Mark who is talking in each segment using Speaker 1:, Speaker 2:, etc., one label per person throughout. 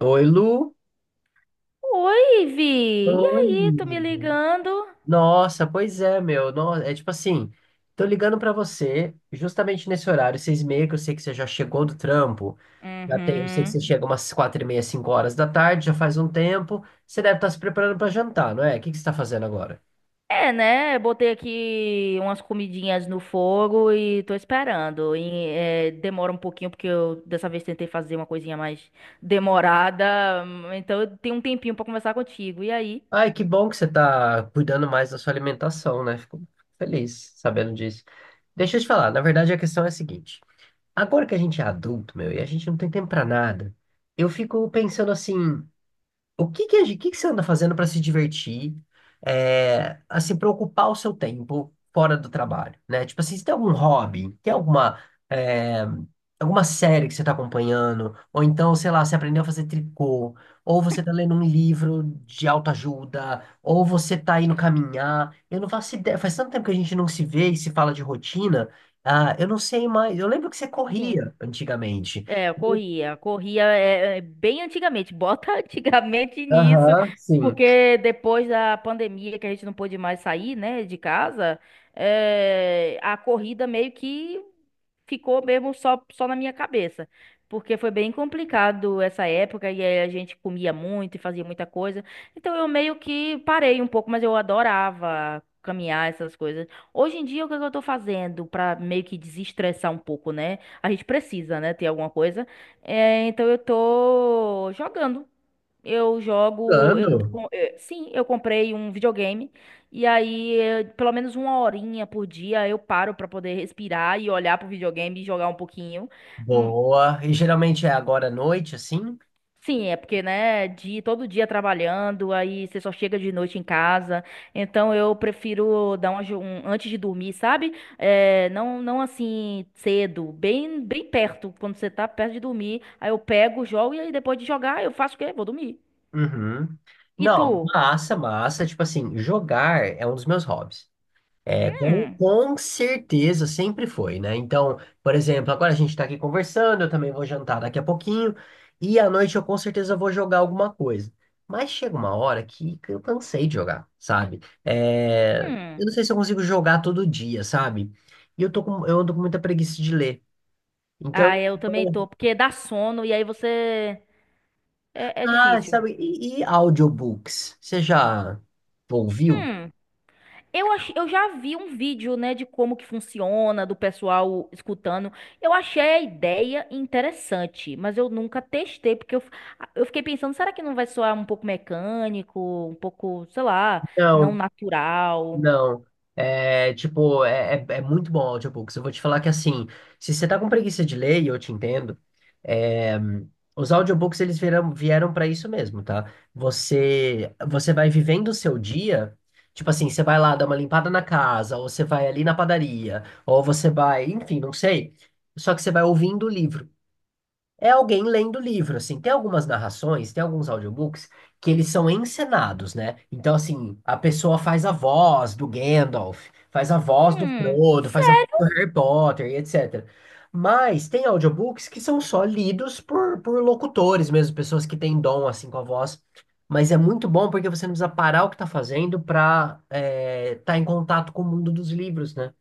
Speaker 1: Oi, Lu.
Speaker 2: Oi, Vi. E
Speaker 1: Oi.
Speaker 2: aí, tô me ligando?
Speaker 1: Nossa, pois é, meu. É tipo assim, tô ligando pra você justamente nesse horário, 6h30, que eu sei que você já chegou do trampo. Já tem, eu sei que
Speaker 2: Uhum.
Speaker 1: você chega umas 4h30, 5 horas da tarde, já faz um tempo. Você deve estar se preparando pra jantar, não é? O que que você tá fazendo agora?
Speaker 2: É, né? Eu botei aqui umas comidinhas no fogo e tô esperando. E, demora um pouquinho, porque eu dessa vez tentei fazer uma coisinha mais demorada. Então eu tenho um tempinho pra conversar contigo. E aí?
Speaker 1: Ai, que bom que você tá cuidando mais da sua alimentação, né? Fico feliz sabendo disso. Deixa eu te falar, na verdade a questão é a seguinte. Agora que a gente é adulto, meu, e a gente não tem tempo pra nada, eu fico pensando assim. O que que, o que que você anda fazendo para se divertir, assim, para ocupar o seu tempo fora do trabalho, né? Tipo assim, você tem algum hobby, tem alguma, é, alguma série que você está acompanhando, ou então, sei lá, você aprendeu a fazer tricô, ou você está lendo um livro de autoajuda, ou você está indo caminhar. Eu não faço ideia, faz tanto tempo que a gente não se vê e se fala de rotina, ah, eu não sei mais. Eu lembro que você
Speaker 2: Sim.
Speaker 1: corria antigamente.
Speaker 2: É, eu corria. Corria bem antigamente. Bota antigamente nisso,
Speaker 1: Aham, sim.
Speaker 2: porque depois da pandemia que a gente não pôde mais sair, né, de casa, a corrida meio que ficou mesmo só na minha cabeça. Porque foi bem complicado essa época e aí a gente comia muito e fazia muita coisa. Então eu meio que parei um pouco, mas eu adorava caminhar essas coisas. Hoje em dia, o que é que eu tô fazendo pra meio que desestressar um pouco, né? A gente precisa, né, ter alguma coisa. É, então eu tô jogando. Eu jogo,
Speaker 1: Ando.
Speaker 2: sim, eu comprei um videogame e aí pelo menos uma horinha por dia eu paro pra poder respirar e olhar pro videogame e jogar um pouquinho. Hum,
Speaker 1: Boa. E geralmente é agora à noite, assim?
Speaker 2: Sim, é porque, né, de todo dia trabalhando, aí você só chega de noite em casa. Então eu prefiro dar um antes de dormir, sabe? Não, não assim cedo, bem, bem perto, quando você tá perto de dormir. Aí eu pego, jogo e aí depois de jogar eu faço o quê? Vou dormir.
Speaker 1: Uhum.
Speaker 2: E tu?
Speaker 1: Não, massa, massa. Tipo assim, jogar é um dos meus hobbies. É, com,
Speaker 2: Hum,
Speaker 1: com certeza sempre foi, né? Então, por exemplo, agora a gente tá aqui conversando, eu também vou jantar daqui a pouquinho, e à noite eu com certeza vou jogar alguma coisa. Mas chega uma hora que eu cansei de jogar, sabe? É,
Speaker 2: hum.
Speaker 1: eu não sei se eu consigo jogar todo dia, sabe? E eu ando com muita preguiça de ler. Então,
Speaker 2: Ah, eu também tô, porque dá sono e aí você. É
Speaker 1: ah,
Speaker 2: difícil.
Speaker 1: sabe, e audiobooks? Você já ouviu?
Speaker 2: Hum, eu já vi um vídeo, né, de como que funciona, do pessoal escutando. Eu achei a ideia interessante, mas eu nunca testei, porque eu fiquei pensando, será que não vai soar um pouco mecânico, um pouco, sei lá, não
Speaker 1: Não,
Speaker 2: natural?
Speaker 1: não. É, tipo, é muito bom o audiobooks. Eu vou te falar que, assim, se você tá com preguiça de ler, e eu te entendo, é, os audiobooks, eles vieram para isso mesmo, tá? Você vai vivendo o seu dia, tipo assim, você vai lá dar uma limpada na casa, ou você vai ali na padaria, ou você vai, enfim, não sei. Só que você vai ouvindo o livro. É alguém lendo o livro, assim. Tem algumas narrações, tem alguns audiobooks que eles são encenados, né? Então, assim, a pessoa faz a voz do Gandalf, faz a voz do
Speaker 2: Hum,
Speaker 1: Frodo, faz a voz do Harry Potter e etc. Mas tem audiobooks que são só lidos por locutores mesmo, pessoas que têm dom, assim, com a voz. Mas é muito bom porque você não precisa parar o que tá fazendo pra estar em contato com o mundo dos livros, né?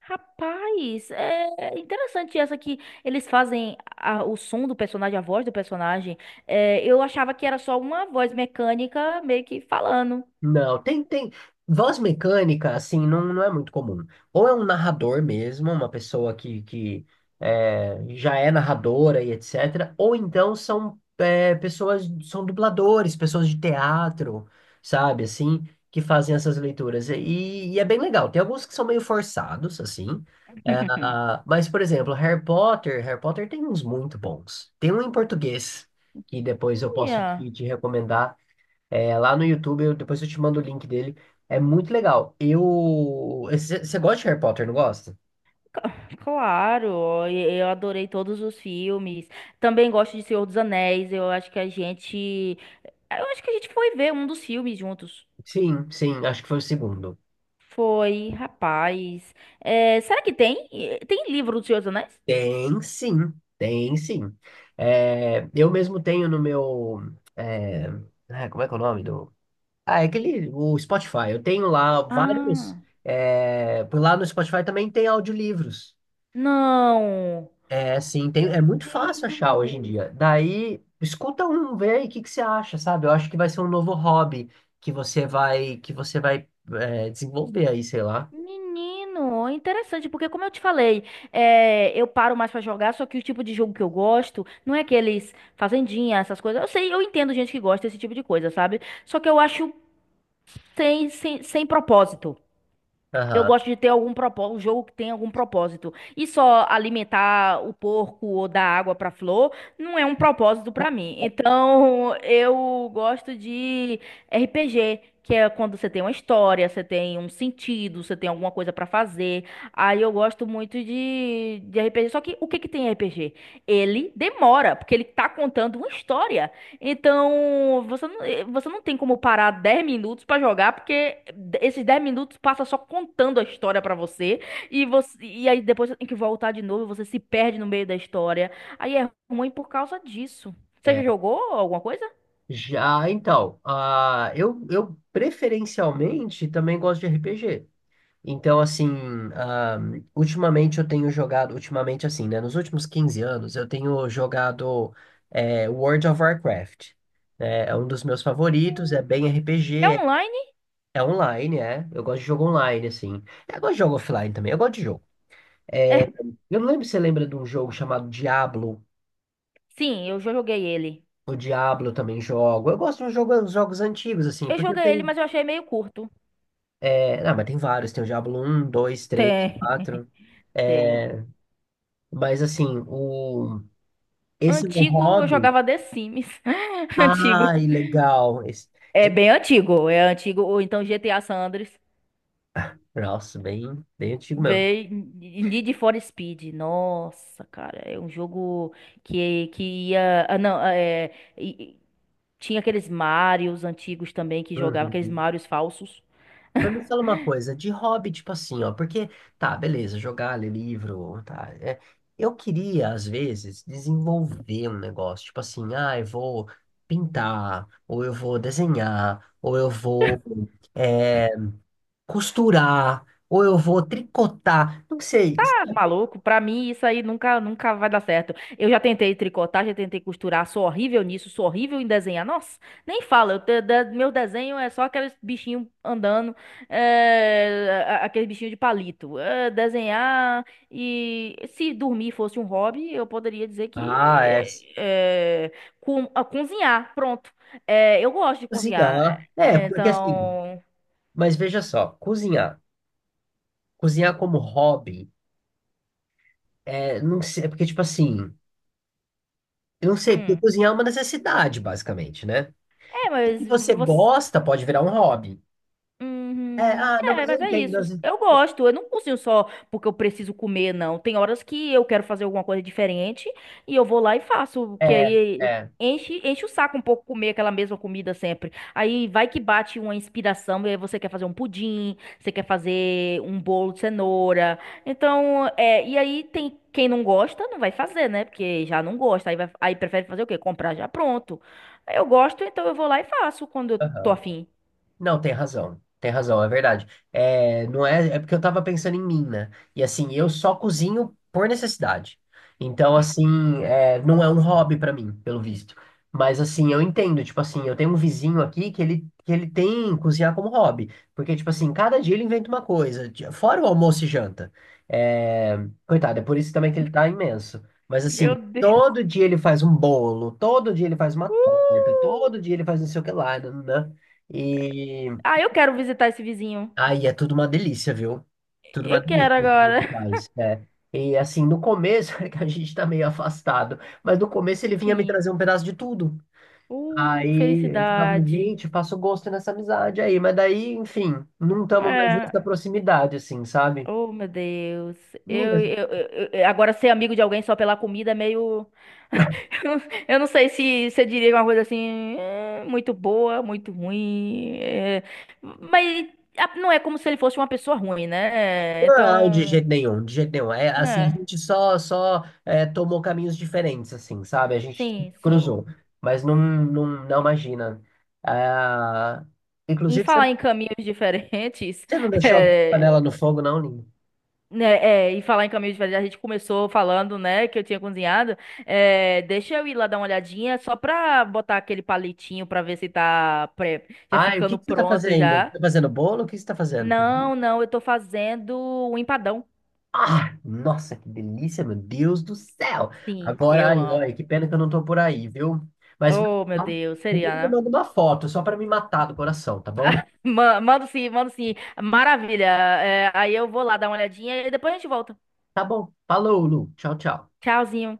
Speaker 2: Rapaz, é interessante essa que eles fazem o som do personagem, a voz do personagem. É, eu achava que era só uma voz mecânica meio que falando.
Speaker 1: Não, tem, tem. Voz mecânica, assim, não, não é muito comum. Ou é um narrador mesmo, uma pessoa que já é narradora e etc. Ou então são pessoas, são dubladores, pessoas de teatro, sabe, assim, que fazem essas leituras. E é bem legal. Tem alguns que são meio forçados, assim. É, ah, mas, por exemplo, Harry Potter, Harry Potter tem uns muito bons. Tem um em português, que depois eu posso
Speaker 2: Olha,
Speaker 1: te recomendar. É, lá no YouTube, depois eu te mando o link dele. É muito legal. Eu. Você gosta de Harry Potter, não gosta?
Speaker 2: ca- claro, eu adorei todos os filmes. Também gosto de Senhor dos Anéis. Eu acho que a gente, eu acho que a gente foi ver um dos filmes juntos.
Speaker 1: Sim, sim, acho que foi o segundo.
Speaker 2: Foi, rapaz. É, será que tem? Tem livro do Senhor dos Anéis?
Speaker 1: Tem sim, tem sim. É, eu mesmo tenho no meu. é, ah, como é que é o nome do. Ah, é aquele. O Spotify. Eu tenho lá vários.
Speaker 2: Ah,
Speaker 1: Por lá no Spotify também tem audiolivros.
Speaker 2: não.
Speaker 1: É sim, tem,
Speaker 2: Meu
Speaker 1: é muito fácil achar hoje em
Speaker 2: Deus!
Speaker 1: dia. Daí, escuta um, vê aí o que que você acha, sabe? Eu acho que vai ser um novo hobby que você vai desenvolver aí, sei lá.
Speaker 2: Menino, interessante, porque como eu te falei, eu paro mais pra jogar, só que o tipo de jogo que eu gosto não é aqueles fazendinha, essas coisas. Eu sei, eu entendo gente que gosta desse tipo de coisa, sabe? Só que eu acho sem propósito. Eu
Speaker 1: Aham.
Speaker 2: gosto de ter algum propósito, um jogo que tem algum propósito. E só alimentar o porco ou dar água para flor não é um propósito para mim. Então, eu gosto de RPG, que é quando você tem uma história, você tem um sentido, você tem alguma coisa para fazer. Aí eu gosto muito de RPG. Só que o que que tem RPG? Ele demora, porque ele tá contando uma história. Então, você não tem como parar 10 minutos pra jogar, porque esses 10 minutos passa só contando a história pra você, e aí depois você tem que voltar de novo, você se perde no meio da história. Aí é ruim por causa disso. Você já
Speaker 1: é.
Speaker 2: jogou alguma coisa?
Speaker 1: Já, então, ah eu preferencialmente também gosto de RPG. Então, assim, ah, ultimamente eu tenho jogado, ultimamente assim, né? Nos últimos 15 anos eu tenho jogado World of Warcraft. Né, É um dos meus favoritos, é bem
Speaker 2: É
Speaker 1: RPG,
Speaker 2: online?
Speaker 1: É online, é. Eu gosto de jogo online, assim. Eu gosto de jogo offline também, eu gosto de jogo.
Speaker 2: É,
Speaker 1: Eu não lembro se você lembra de um jogo chamado Diablo.
Speaker 2: sim, eu já joguei ele.
Speaker 1: O Diablo eu também jogo. Eu gosto de jogos antigos, assim,
Speaker 2: Eu
Speaker 1: porque
Speaker 2: joguei ele,
Speaker 1: tem.
Speaker 2: mas eu achei meio curto.
Speaker 1: É... Ah, mas tem vários. Tem o Diablo um, dois, três,
Speaker 2: Tem.
Speaker 1: quatro.
Speaker 2: Tem.
Speaker 1: É... Mas, assim, o... esse meu
Speaker 2: Antigo, eu
Speaker 1: hobby.
Speaker 2: jogava The Sims. Antigo.
Speaker 1: Ai, legal.
Speaker 2: É
Speaker 1: Esse-
Speaker 2: bem antigo, é antigo, ou então GTA San Andreas.
Speaker 1: Nossa, bem, bem antigo mesmo.
Speaker 2: Véi, Need for Speed, nossa, cara, é um jogo que ia. Ah, não, e tinha aqueles Marios antigos também que jogavam, aqueles
Speaker 1: Uhum.
Speaker 2: Marios falsos.
Speaker 1: Mas me fala uma coisa, de hobby, tipo assim, ó, porque, tá, beleza, jogar, ler livro, tá, eu queria, às vezes, desenvolver um negócio, tipo assim, ah, eu vou pintar, ou eu vou desenhar, ou eu vou, é, costurar, ou eu vou tricotar, não sei,
Speaker 2: Tá
Speaker 1: sabe?
Speaker 2: maluco, pra mim isso aí nunca, nunca vai dar certo. Eu já tentei tricotar, já tentei costurar, sou horrível nisso, sou horrível em desenhar. Nossa, nem fala, meu desenho é só aqueles bichinhos andando, aqueles bichinhos de palito. É, desenhar e se dormir fosse um hobby, eu poderia dizer que
Speaker 1: Ah,
Speaker 2: é, cozinhar, pronto. É, eu gosto de cozinhar,
Speaker 1: cozinhar, é,
Speaker 2: é,
Speaker 1: porque assim,
Speaker 2: então.
Speaker 1: mas veja só, cozinhar, cozinhar como hobby, não sei, é porque, tipo assim, eu não sei, porque
Speaker 2: Hum.
Speaker 1: cozinhar é uma necessidade, basicamente, né?
Speaker 2: É, mas
Speaker 1: Se você
Speaker 2: você.
Speaker 1: gosta, pode virar um hobby. É,
Speaker 2: Uhum.
Speaker 1: ah, não,
Speaker 2: É,
Speaker 1: mas eu
Speaker 2: mas é
Speaker 1: entendo,
Speaker 2: isso. Eu gosto. Eu não cozinho só porque eu preciso comer, não. Tem horas que eu quero fazer alguma coisa diferente e eu vou lá e faço, que
Speaker 1: é,
Speaker 2: aí
Speaker 1: é.
Speaker 2: enche, enche o saco um pouco comer aquela mesma comida sempre. Aí vai que bate uma inspiração e aí você quer fazer um pudim, você quer fazer um bolo de cenoura. Então, e aí tem quem não gosta, não vai fazer, né? Porque já não gosta. Aí prefere fazer o quê? Comprar já pronto. Eu gosto, então eu vou lá e faço quando eu tô afim.
Speaker 1: Não, tem razão. Tem razão, é verdade. É, não é, é porque eu tava pensando em mim, né? E assim, eu só cozinho por necessidade. Então, assim, não é um hobby pra mim, pelo visto. Mas assim, eu entendo, tipo assim, eu tenho um vizinho aqui que ele, tem cozinhar como hobby. Porque, tipo assim, cada dia ele inventa uma coisa, fora o almoço e janta. É, coitado, é por isso também que ele tá imenso. Mas
Speaker 2: Meu
Speaker 1: assim,
Speaker 2: Deus.
Speaker 1: todo dia ele faz um bolo, todo dia ele faz uma torta,
Speaker 2: Uh!
Speaker 1: todo dia ele faz não sei o que lá, né? E
Speaker 2: Ah, eu quero visitar esse vizinho.
Speaker 1: aí é tudo uma delícia, viu? Tudo uma
Speaker 2: Eu
Speaker 1: delícia.
Speaker 2: quero
Speaker 1: Tudo
Speaker 2: agora.
Speaker 1: que é. E assim, no começo, é que a gente tá meio afastado, mas no começo ele vinha me
Speaker 2: Sim.
Speaker 1: trazer um pedaço de tudo.
Speaker 2: Que
Speaker 1: Aí eu falava,
Speaker 2: felicidade.
Speaker 1: gente, faço gosto nessa amizade aí, mas daí, enfim, não estamos mais nessa
Speaker 2: É.
Speaker 1: proximidade, assim, sabe?
Speaker 2: Oh, meu Deus. Eu,
Speaker 1: Meninas,
Speaker 2: eu, eu- eu- agora ser amigo de alguém só pela comida é meio. Eu não eu não sei se você diria uma coisa assim, muito boa, muito ruim. Mas não é como se ele fosse uma pessoa ruim, né?
Speaker 1: não, de
Speaker 2: Então.
Speaker 1: jeito nenhum, de jeito nenhum. É assim, a
Speaker 2: É.
Speaker 1: gente só tomou caminhos diferentes, assim, sabe? A gente se
Speaker 2: Sim, sim.
Speaker 1: cruzou, mas não, não imagina. Ah,
Speaker 2: Em
Speaker 1: inclusive, você
Speaker 2: falar em caminhos diferentes.
Speaker 1: você não deixou a panela no fogo, não, Linho?
Speaker 2: Né, e falar em caminho de verdade, a gente começou falando, né, que eu tinha cozinhado. É, deixa eu ir lá dar uma olhadinha, só pra botar aquele palitinho pra ver se tá já
Speaker 1: Ai, o
Speaker 2: ficando
Speaker 1: que que você tá
Speaker 2: pronto
Speaker 1: fazendo?
Speaker 2: já.
Speaker 1: Tá fazendo bolo? O que você tá fazendo?
Speaker 2: Não, não, eu tô fazendo um empadão.
Speaker 1: Ah, nossa, que delícia, meu Deus do céu!
Speaker 2: Sim,
Speaker 1: Agora,
Speaker 2: eu
Speaker 1: ai, ai,
Speaker 2: amo.
Speaker 1: que pena que eu não tô por aí, viu? Mas
Speaker 2: Oh, meu
Speaker 1: então,
Speaker 2: Deus,
Speaker 1: depois eu
Speaker 2: seria, né?
Speaker 1: mando uma foto só pra me matar do coração, tá bom?
Speaker 2: Mando sim, mando sim. Maravilha. É, aí eu vou lá dar uma olhadinha e depois a gente volta.
Speaker 1: Tá bom. Falou, Lu. Tchau, tchau.
Speaker 2: Tchauzinho.